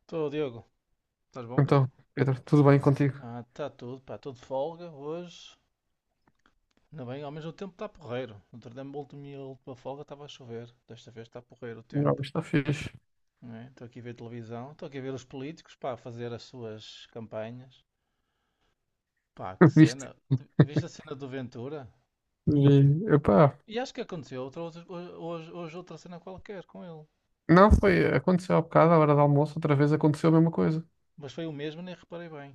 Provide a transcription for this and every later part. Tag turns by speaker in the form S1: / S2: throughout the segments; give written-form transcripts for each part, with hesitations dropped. S1: Estou, Diogo. Estás bom, pá?
S2: Então, Pedro, tudo bem contigo?
S1: Ah, está tudo, pá. Estou de folga hoje. Ainda bem, ao menos o tempo está porreiro. Outro dia, a última folga estava a chover. Desta vez está porreiro o
S2: Não,
S1: tempo.
S2: está fixe.
S1: Não é? Estou aqui a ver televisão. Estou aqui a ver os políticos, pá, a fazer as suas campanhas. Pá, que
S2: Viste?
S1: cena. Viste a cena do Ventura?
S2: E, epá,
S1: E acho que aconteceu outra, hoje, hoje outra cena qualquer com ele.
S2: não, foi, aconteceu há bocado, à hora do almoço, outra vez aconteceu a mesma coisa.
S1: Mas foi o mesmo, nem reparei bem.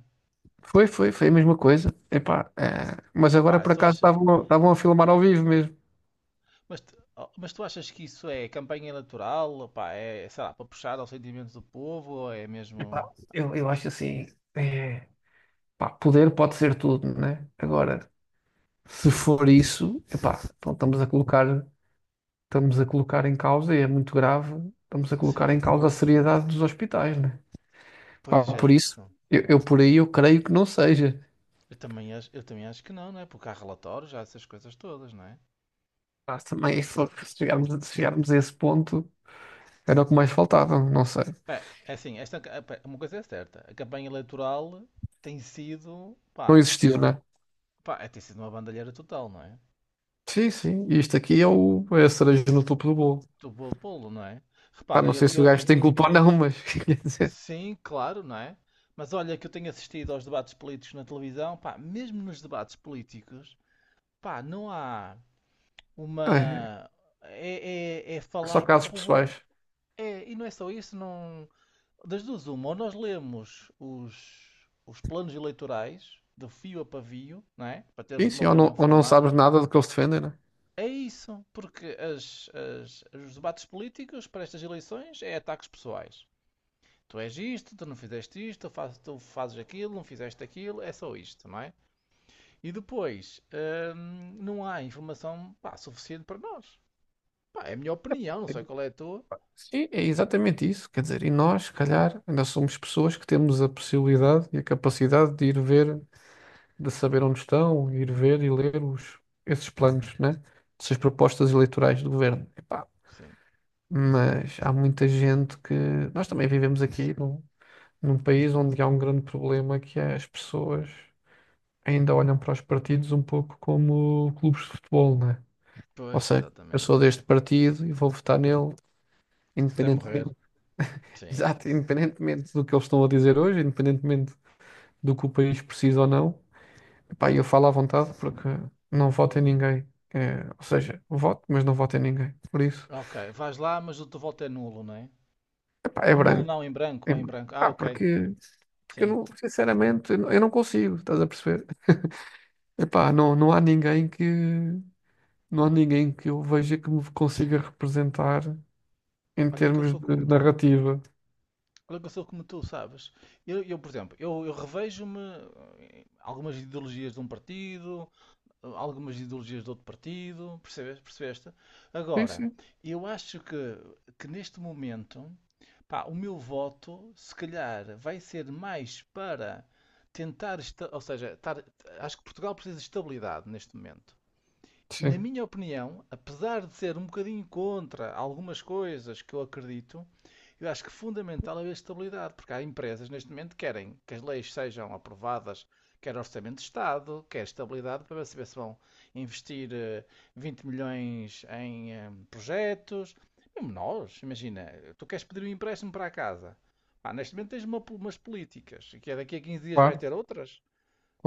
S2: Foi a mesma coisa. Mas agora
S1: Pá,
S2: por
S1: tu
S2: acaso
S1: achas,
S2: estavam, estavam a filmar ao vivo mesmo.
S1: mas, oh, mas tu achas que isso é campanha eleitoral? Pá, é, é, sei lá, para puxar aos sentimentos do povo? Ou é
S2: Epá,
S1: mesmo.
S2: eu acho assim, eh, pá, poder pode ser tudo, né? Agora, se for isso, epá, então estamos a colocar em causa, e é muito grave, estamos a colocar em
S1: Sim,
S2: causa a seriedade dos hospitais, né? Pá,
S1: pois é
S2: por isso,
S1: isso.
S2: eu por aí eu creio que não seja.
S1: Eu também acho que não, não é? Porque há relatórios, há essas coisas todas, não é?
S2: Mas também, se chegarmos, se chegarmos a esse ponto, era o que mais faltava, não sei.
S1: É, é assim, esta, pá, uma coisa é certa: a campanha eleitoral tem sido.
S2: Não
S1: Pá,
S2: existiu, né?
S1: pá, é, tem sido uma bandalheira total, não é?
S2: Sim, sim, e isto aqui é, é a cereja no topo do bolo.
S1: Do bolo, não é?
S2: Pá,
S1: Repara,
S2: não sei se
S1: eu
S2: o gajo
S1: vi.
S2: tem culpa ou não, mas quer dizer,
S1: Sim, claro, não é? Mas olha que eu tenho assistido aos debates políticos na televisão, pá, mesmo nos debates políticos. Pá, não há
S2: é,
S1: uma. É, é, é
S2: só
S1: falar para o
S2: casos
S1: povo.
S2: pessoais.
S1: É, e não é só isso, não. Das duas, uma, ou nós lemos os planos eleitorais de fio a pavio, não é? Para
S2: Sim,
S1: termos uma
S2: sim,
S1: opinião
S2: ou não sabes
S1: formada.
S2: nada do que eles defendem, né?
S1: É isso, porque as, os debates políticos para estas eleições é ataques pessoais. Tu és isto, tu não fizeste isto, tu, tu fazes aquilo, não fizeste aquilo, é só isto, não é? E depois, não há informação pá, suficiente para nós. Pá, é a minha opinião, não sei qual é a tua.
S2: Sim, é exatamente isso. Quer dizer, e nós, se calhar, ainda somos pessoas que temos a possibilidade e a capacidade de ir ver de saber onde estão, ir ver e ler esses planos, né? Essas propostas eleitorais do governo. Epá,
S1: Sim.
S2: mas há muita gente que. Nós também vivemos aqui num país onde há um grande problema que é as pessoas ainda olham para os partidos um pouco como clubes de futebol, né? Ou
S1: Pois,
S2: seja, eu
S1: exatamente.
S2: sou deste partido e vou votar nele,
S1: Até morrer.
S2: independentemente,
S1: Sim.
S2: exato, independentemente do que eles estão a dizer hoje, independentemente do que o país precisa ou não. Pá, eu falo à vontade porque não voto em ninguém. É, ou seja, voto, mas não voto em ninguém. Por isso,
S1: Ok, vais lá, mas o teu voto é nulo, não é?
S2: epá, é
S1: Ou nulo
S2: branco.
S1: não, em branco,
S2: É
S1: ou em
S2: branco.
S1: branco. Ah,
S2: Pá,
S1: ok.
S2: porque, porque eu
S1: Sim.
S2: não, sinceramente, eu não consigo, estás a perceber? Epá, não há ninguém que eu veja que me consiga representar em
S1: Olha que eu
S2: termos
S1: sou
S2: de
S1: como tu.
S2: narrativa.
S1: Olha que eu sou como tu, sabes? Eu, por exemplo, eu revejo-me em algumas ideologias de um partido, algumas ideologias de outro partido, percebes? Percebeste?
S2: Sim,
S1: Agora,
S2: sim.
S1: eu acho que neste momento, pá, o meu voto, se calhar, vai ser mais para tentar, ou seja, acho que Portugal precisa de estabilidade neste momento. Na
S2: Sim,
S1: minha opinião, apesar de ser um bocadinho contra algumas coisas que eu acredito, eu acho que fundamental é a estabilidade, porque há empresas neste momento que querem que as leis sejam aprovadas, quer Orçamento de Estado, quer estabilidade, para saber se vão investir 20 milhões em projetos. Mesmo nós, imagina, tu queres pedir um empréstimo para a casa. Ah, neste momento tens umas políticas, que é daqui a 15 dias vais
S2: claro,
S1: ter outras.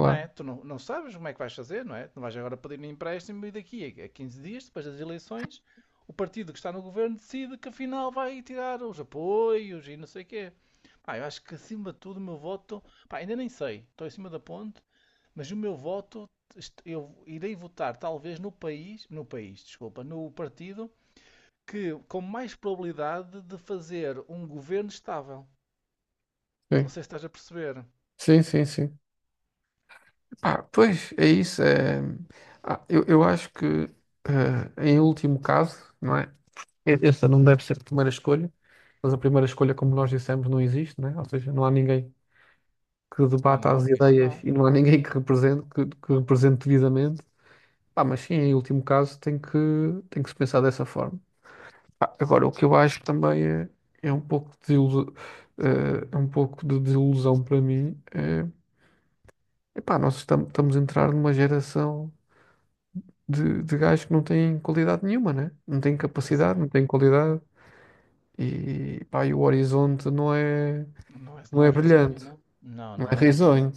S1: Não é? Tu não, não sabes como é que vais fazer, não é? Tu não vais agora pedir um empréstimo e daqui a 15 dias, depois das eleições, o partido que está no governo decide que afinal vai tirar os apoios e não sei o quê. Pá, eu acho que acima de tudo o meu voto. Pá, ainda nem sei, estou em cima da ponte, mas o meu voto, eu irei votar talvez no país, desculpa, no partido que com mais probabilidade de fazer um governo estável. Não
S2: Sim,
S1: sei se estás a perceber.
S2: sim, sim. sim. Epá, pois, é isso. Ah, eu acho que, em último caso, não é? Essa não deve ser a primeira escolha, mas a primeira escolha, como nós dissemos, não existe, né? Ou seja, não há ninguém que
S1: Ah,
S2: debata
S1: não,
S2: as
S1: isso não.
S2: ideias e não há ninguém que represente, que represente devidamente. Pá, mas sim, em último caso, tem que se pensar dessa forma. Pá, agora, o que eu acho também é, é um pouco de desilusão, é um pouco de desilusão para mim. É, epá, estamos a entrar numa geração de gajos que não têm qualidade nenhuma, né? Não têm
S1: Pois
S2: capacidade,
S1: é.
S2: não têm qualidade. E, pá, e o horizonte não é.
S1: Não é,
S2: Não
S1: não é
S2: é
S1: risonho,
S2: brilhante,
S1: não? Não,
S2: não é
S1: não é?
S2: risonho.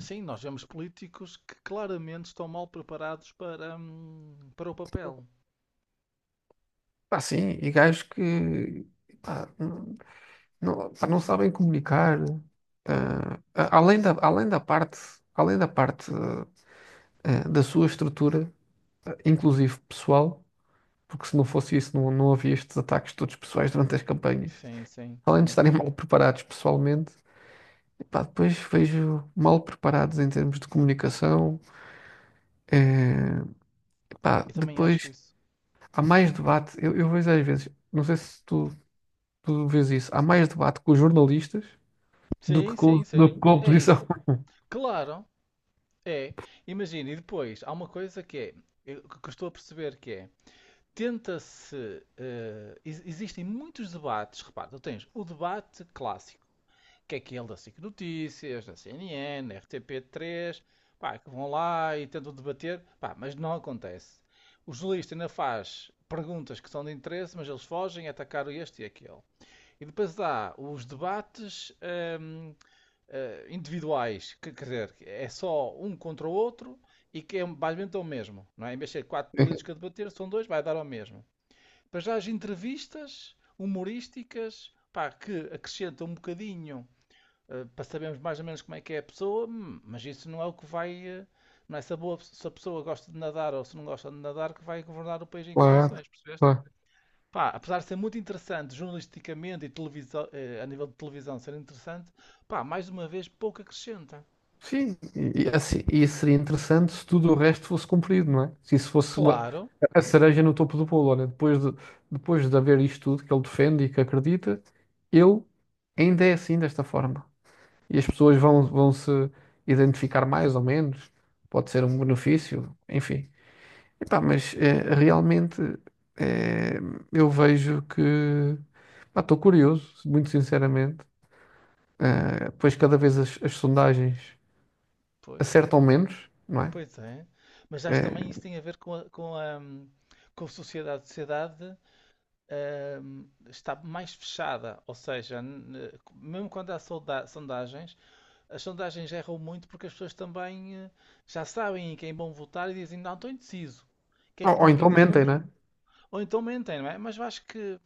S1: Sim, nós vemos políticos que claramente estão mal preparados para, para o papel.
S2: Pá, sim, e gajos que pá, não, pá, não sabem comunicar. Ah, além da, além da parte da sua estrutura, inclusive pessoal, porque se não fosse isso não, não havia estes ataques todos pessoais durante as campanhas.
S1: Sim, sim.
S2: Além de estarem mal preparados pessoalmente, pá, depois vejo mal preparados em termos de comunicação. Eh, pá,
S1: Eu também acho
S2: depois
S1: isso.
S2: há mais debate. Eu vejo às vezes, não sei se tu Tu vês isso. Há mais debate com os jornalistas
S1: Sim, sim,
S2: do
S1: sim.
S2: que com a
S1: É
S2: oposição.
S1: isso. Claro, é. Imagina, e depois há uma coisa que é, que eu estou a perceber que é, tenta-se, existem muitos debates, repara, tu tens o debate clássico, que é aquele da SIC Notícias, da CNN, da RTP3, pá, que vão lá e tentam debater, pá, mas não acontece. O jornalista ainda faz perguntas que são de interesse, mas eles fogem a atacar este e aquele. E depois há os debates hum, individuais, que, quer dizer, é só um contra o outro e que é basicamente o mesmo. Não é? Em vez de ser quatro políticos a debater, são dois, vai dar ao mesmo. Depois já as entrevistas humorísticas, pá, que acrescentam um bocadinho para sabermos mais ou menos como é que é a pessoa, mas isso não é o que vai. Não é se se a pessoa gosta de nadar ou se não gosta de nadar que vai governar o país em
S2: Claro,
S1: condições, percebeste?
S2: claro.
S1: Pá, apesar de ser muito interessante jornalisticamente e televisão, a nível de televisão ser interessante, pá, mais uma vez pouco acrescenta.
S2: Sim, e assim, e seria interessante se tudo o resto fosse cumprido, não é? Se isso fosse uma-
S1: Claro,
S2: A cereja no topo do bolo, olha, depois de haver isto tudo que ele defende e que acredita, ele ainda é assim desta forma. E as pessoas vão, vão se identificar mais ou menos, pode ser um benefício, enfim. Epá, mas realmente eh, eu vejo que estou curioso, muito sinceramente. Pois cada vez as sondagens
S1: pois,
S2: acertam menos, não é?
S1: pois é. Mas acho também isso
S2: Eh,
S1: tem a ver com a, com a sociedade. A sociedade está mais fechada, ou seja, mesmo quando há sondagens, as sondagens erram muito porque as pessoas também já sabem em quem vão votar e dizem, não, estou indeciso. Que é
S2: ou
S1: como quem
S2: então
S1: diz, não,
S2: mentem, não é?
S1: ou então mentem, não é? Mas eu acho que,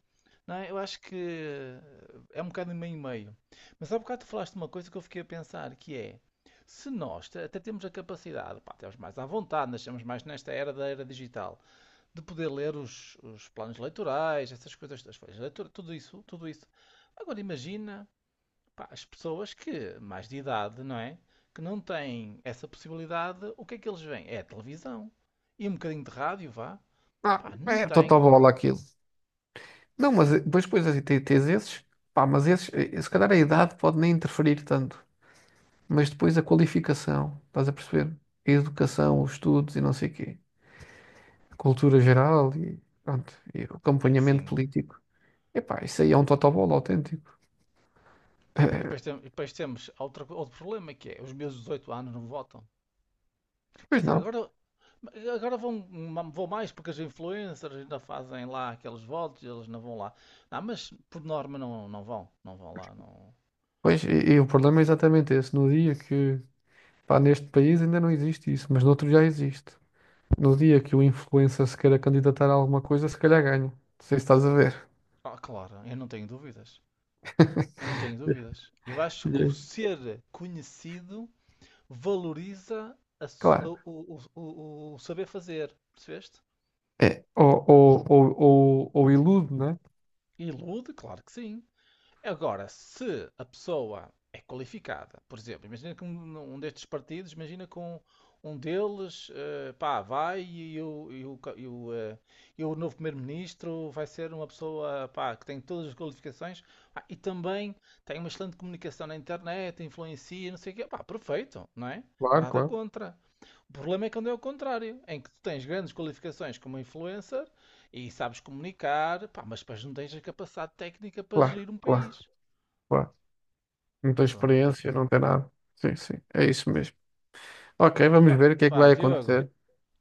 S1: não é? Eu acho que é um bocado meio e meio. Mas há bocado tu falaste de uma coisa que eu fiquei a pensar, que é, se nós até temos a capacidade, pá, temos mais à vontade, nascemos mais nesta era da era digital, de poder ler os planos eleitorais, essas coisas, as folhas de leitura, tudo isso. Agora imagina pá, as pessoas que, mais de idade, não é? Que não têm essa possibilidade, o que é que eles veem? É a televisão. E um bocadinho de rádio, vá.
S2: Ah,
S1: Pá, não
S2: é
S1: tem.
S2: totobola aquilo. Não, mas depois, depois assim, tens esses, pá, mas esses, se calhar a idade pode nem interferir tanto, mas depois a qualificação, estás a perceber? A educação, os estudos e não sei o quê, a cultura geral e pronto, e o
S1: É,
S2: acompanhamento
S1: sim.
S2: político. Epá, isso aí é um totobola autêntico.
S1: E depois, e depois temos outro problema que é os meus 18 anos não votam. Quer
S2: Pois
S1: dizer,
S2: não.
S1: agora, agora vão, vão mais porque as influencers ainda fazem lá aqueles votos e eles não vão lá. Não, mas por norma não, não vão. Não vão lá. Não...
S2: Pois, e o problema é exatamente esse. No dia que, pá, neste país ainda não existe isso, mas noutro já existe. No dia que o influencer se queira candidatar a alguma coisa, se calhar ganha. Não sei se estás a ver.
S1: Ah, claro, eu não tenho dúvidas. Eu não tenho dúvidas. Eu acho
S2: E,
S1: que o
S2: aí,
S1: ser conhecido valoriza a
S2: claro.
S1: o saber fazer, percebeste?
S2: É. Ou ilude, né?
S1: Ilude, claro que sim. Agora, se a pessoa é qualificada, por exemplo, imagina que um destes partidos, imagina que um deles, pá, vai e e o novo primeiro-ministro vai ser uma pessoa, pá, que tem todas as qualificações, pá, e também tem uma excelente comunicação na internet, influencia, não sei o quê, pá, perfeito, não é?
S2: Claro,
S1: Nada
S2: claro.
S1: contra. O problema é quando é o contrário, em que tu tens grandes qualificações como influencer e sabes comunicar, pá, mas depois não tens a capacidade técnica para
S2: Claro,
S1: gerir um
S2: claro,
S1: país.
S2: claro. Não tem
S1: Pronto, para
S2: experiência,
S1: tu.
S2: não tem nada. Sim, sim. É isso mesmo. Ok, vamos
S1: Pá,
S2: ver o que é que vai
S1: Diogo,
S2: acontecer.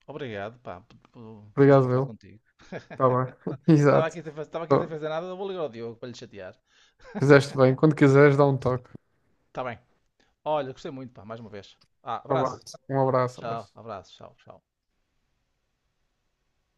S1: obrigado, pá, por
S2: Obrigado,
S1: desabafar
S2: meu.
S1: contigo.
S2: Tá bem.
S1: Estava
S2: Exato.
S1: aqui, sem faz- tava aqui sem fazer nada, eu vou ligar ao Diogo para lhe chatear.
S2: Fizeste bem. Quando quiseres, dá um toque.
S1: Está bem. Olha, gostei muito, pá, mais uma vez. Ah,
S2: Vá lá.
S1: abraço.
S2: Um abraço,
S1: Tchau,
S2: abraço.
S1: abraço, tchau, tchau.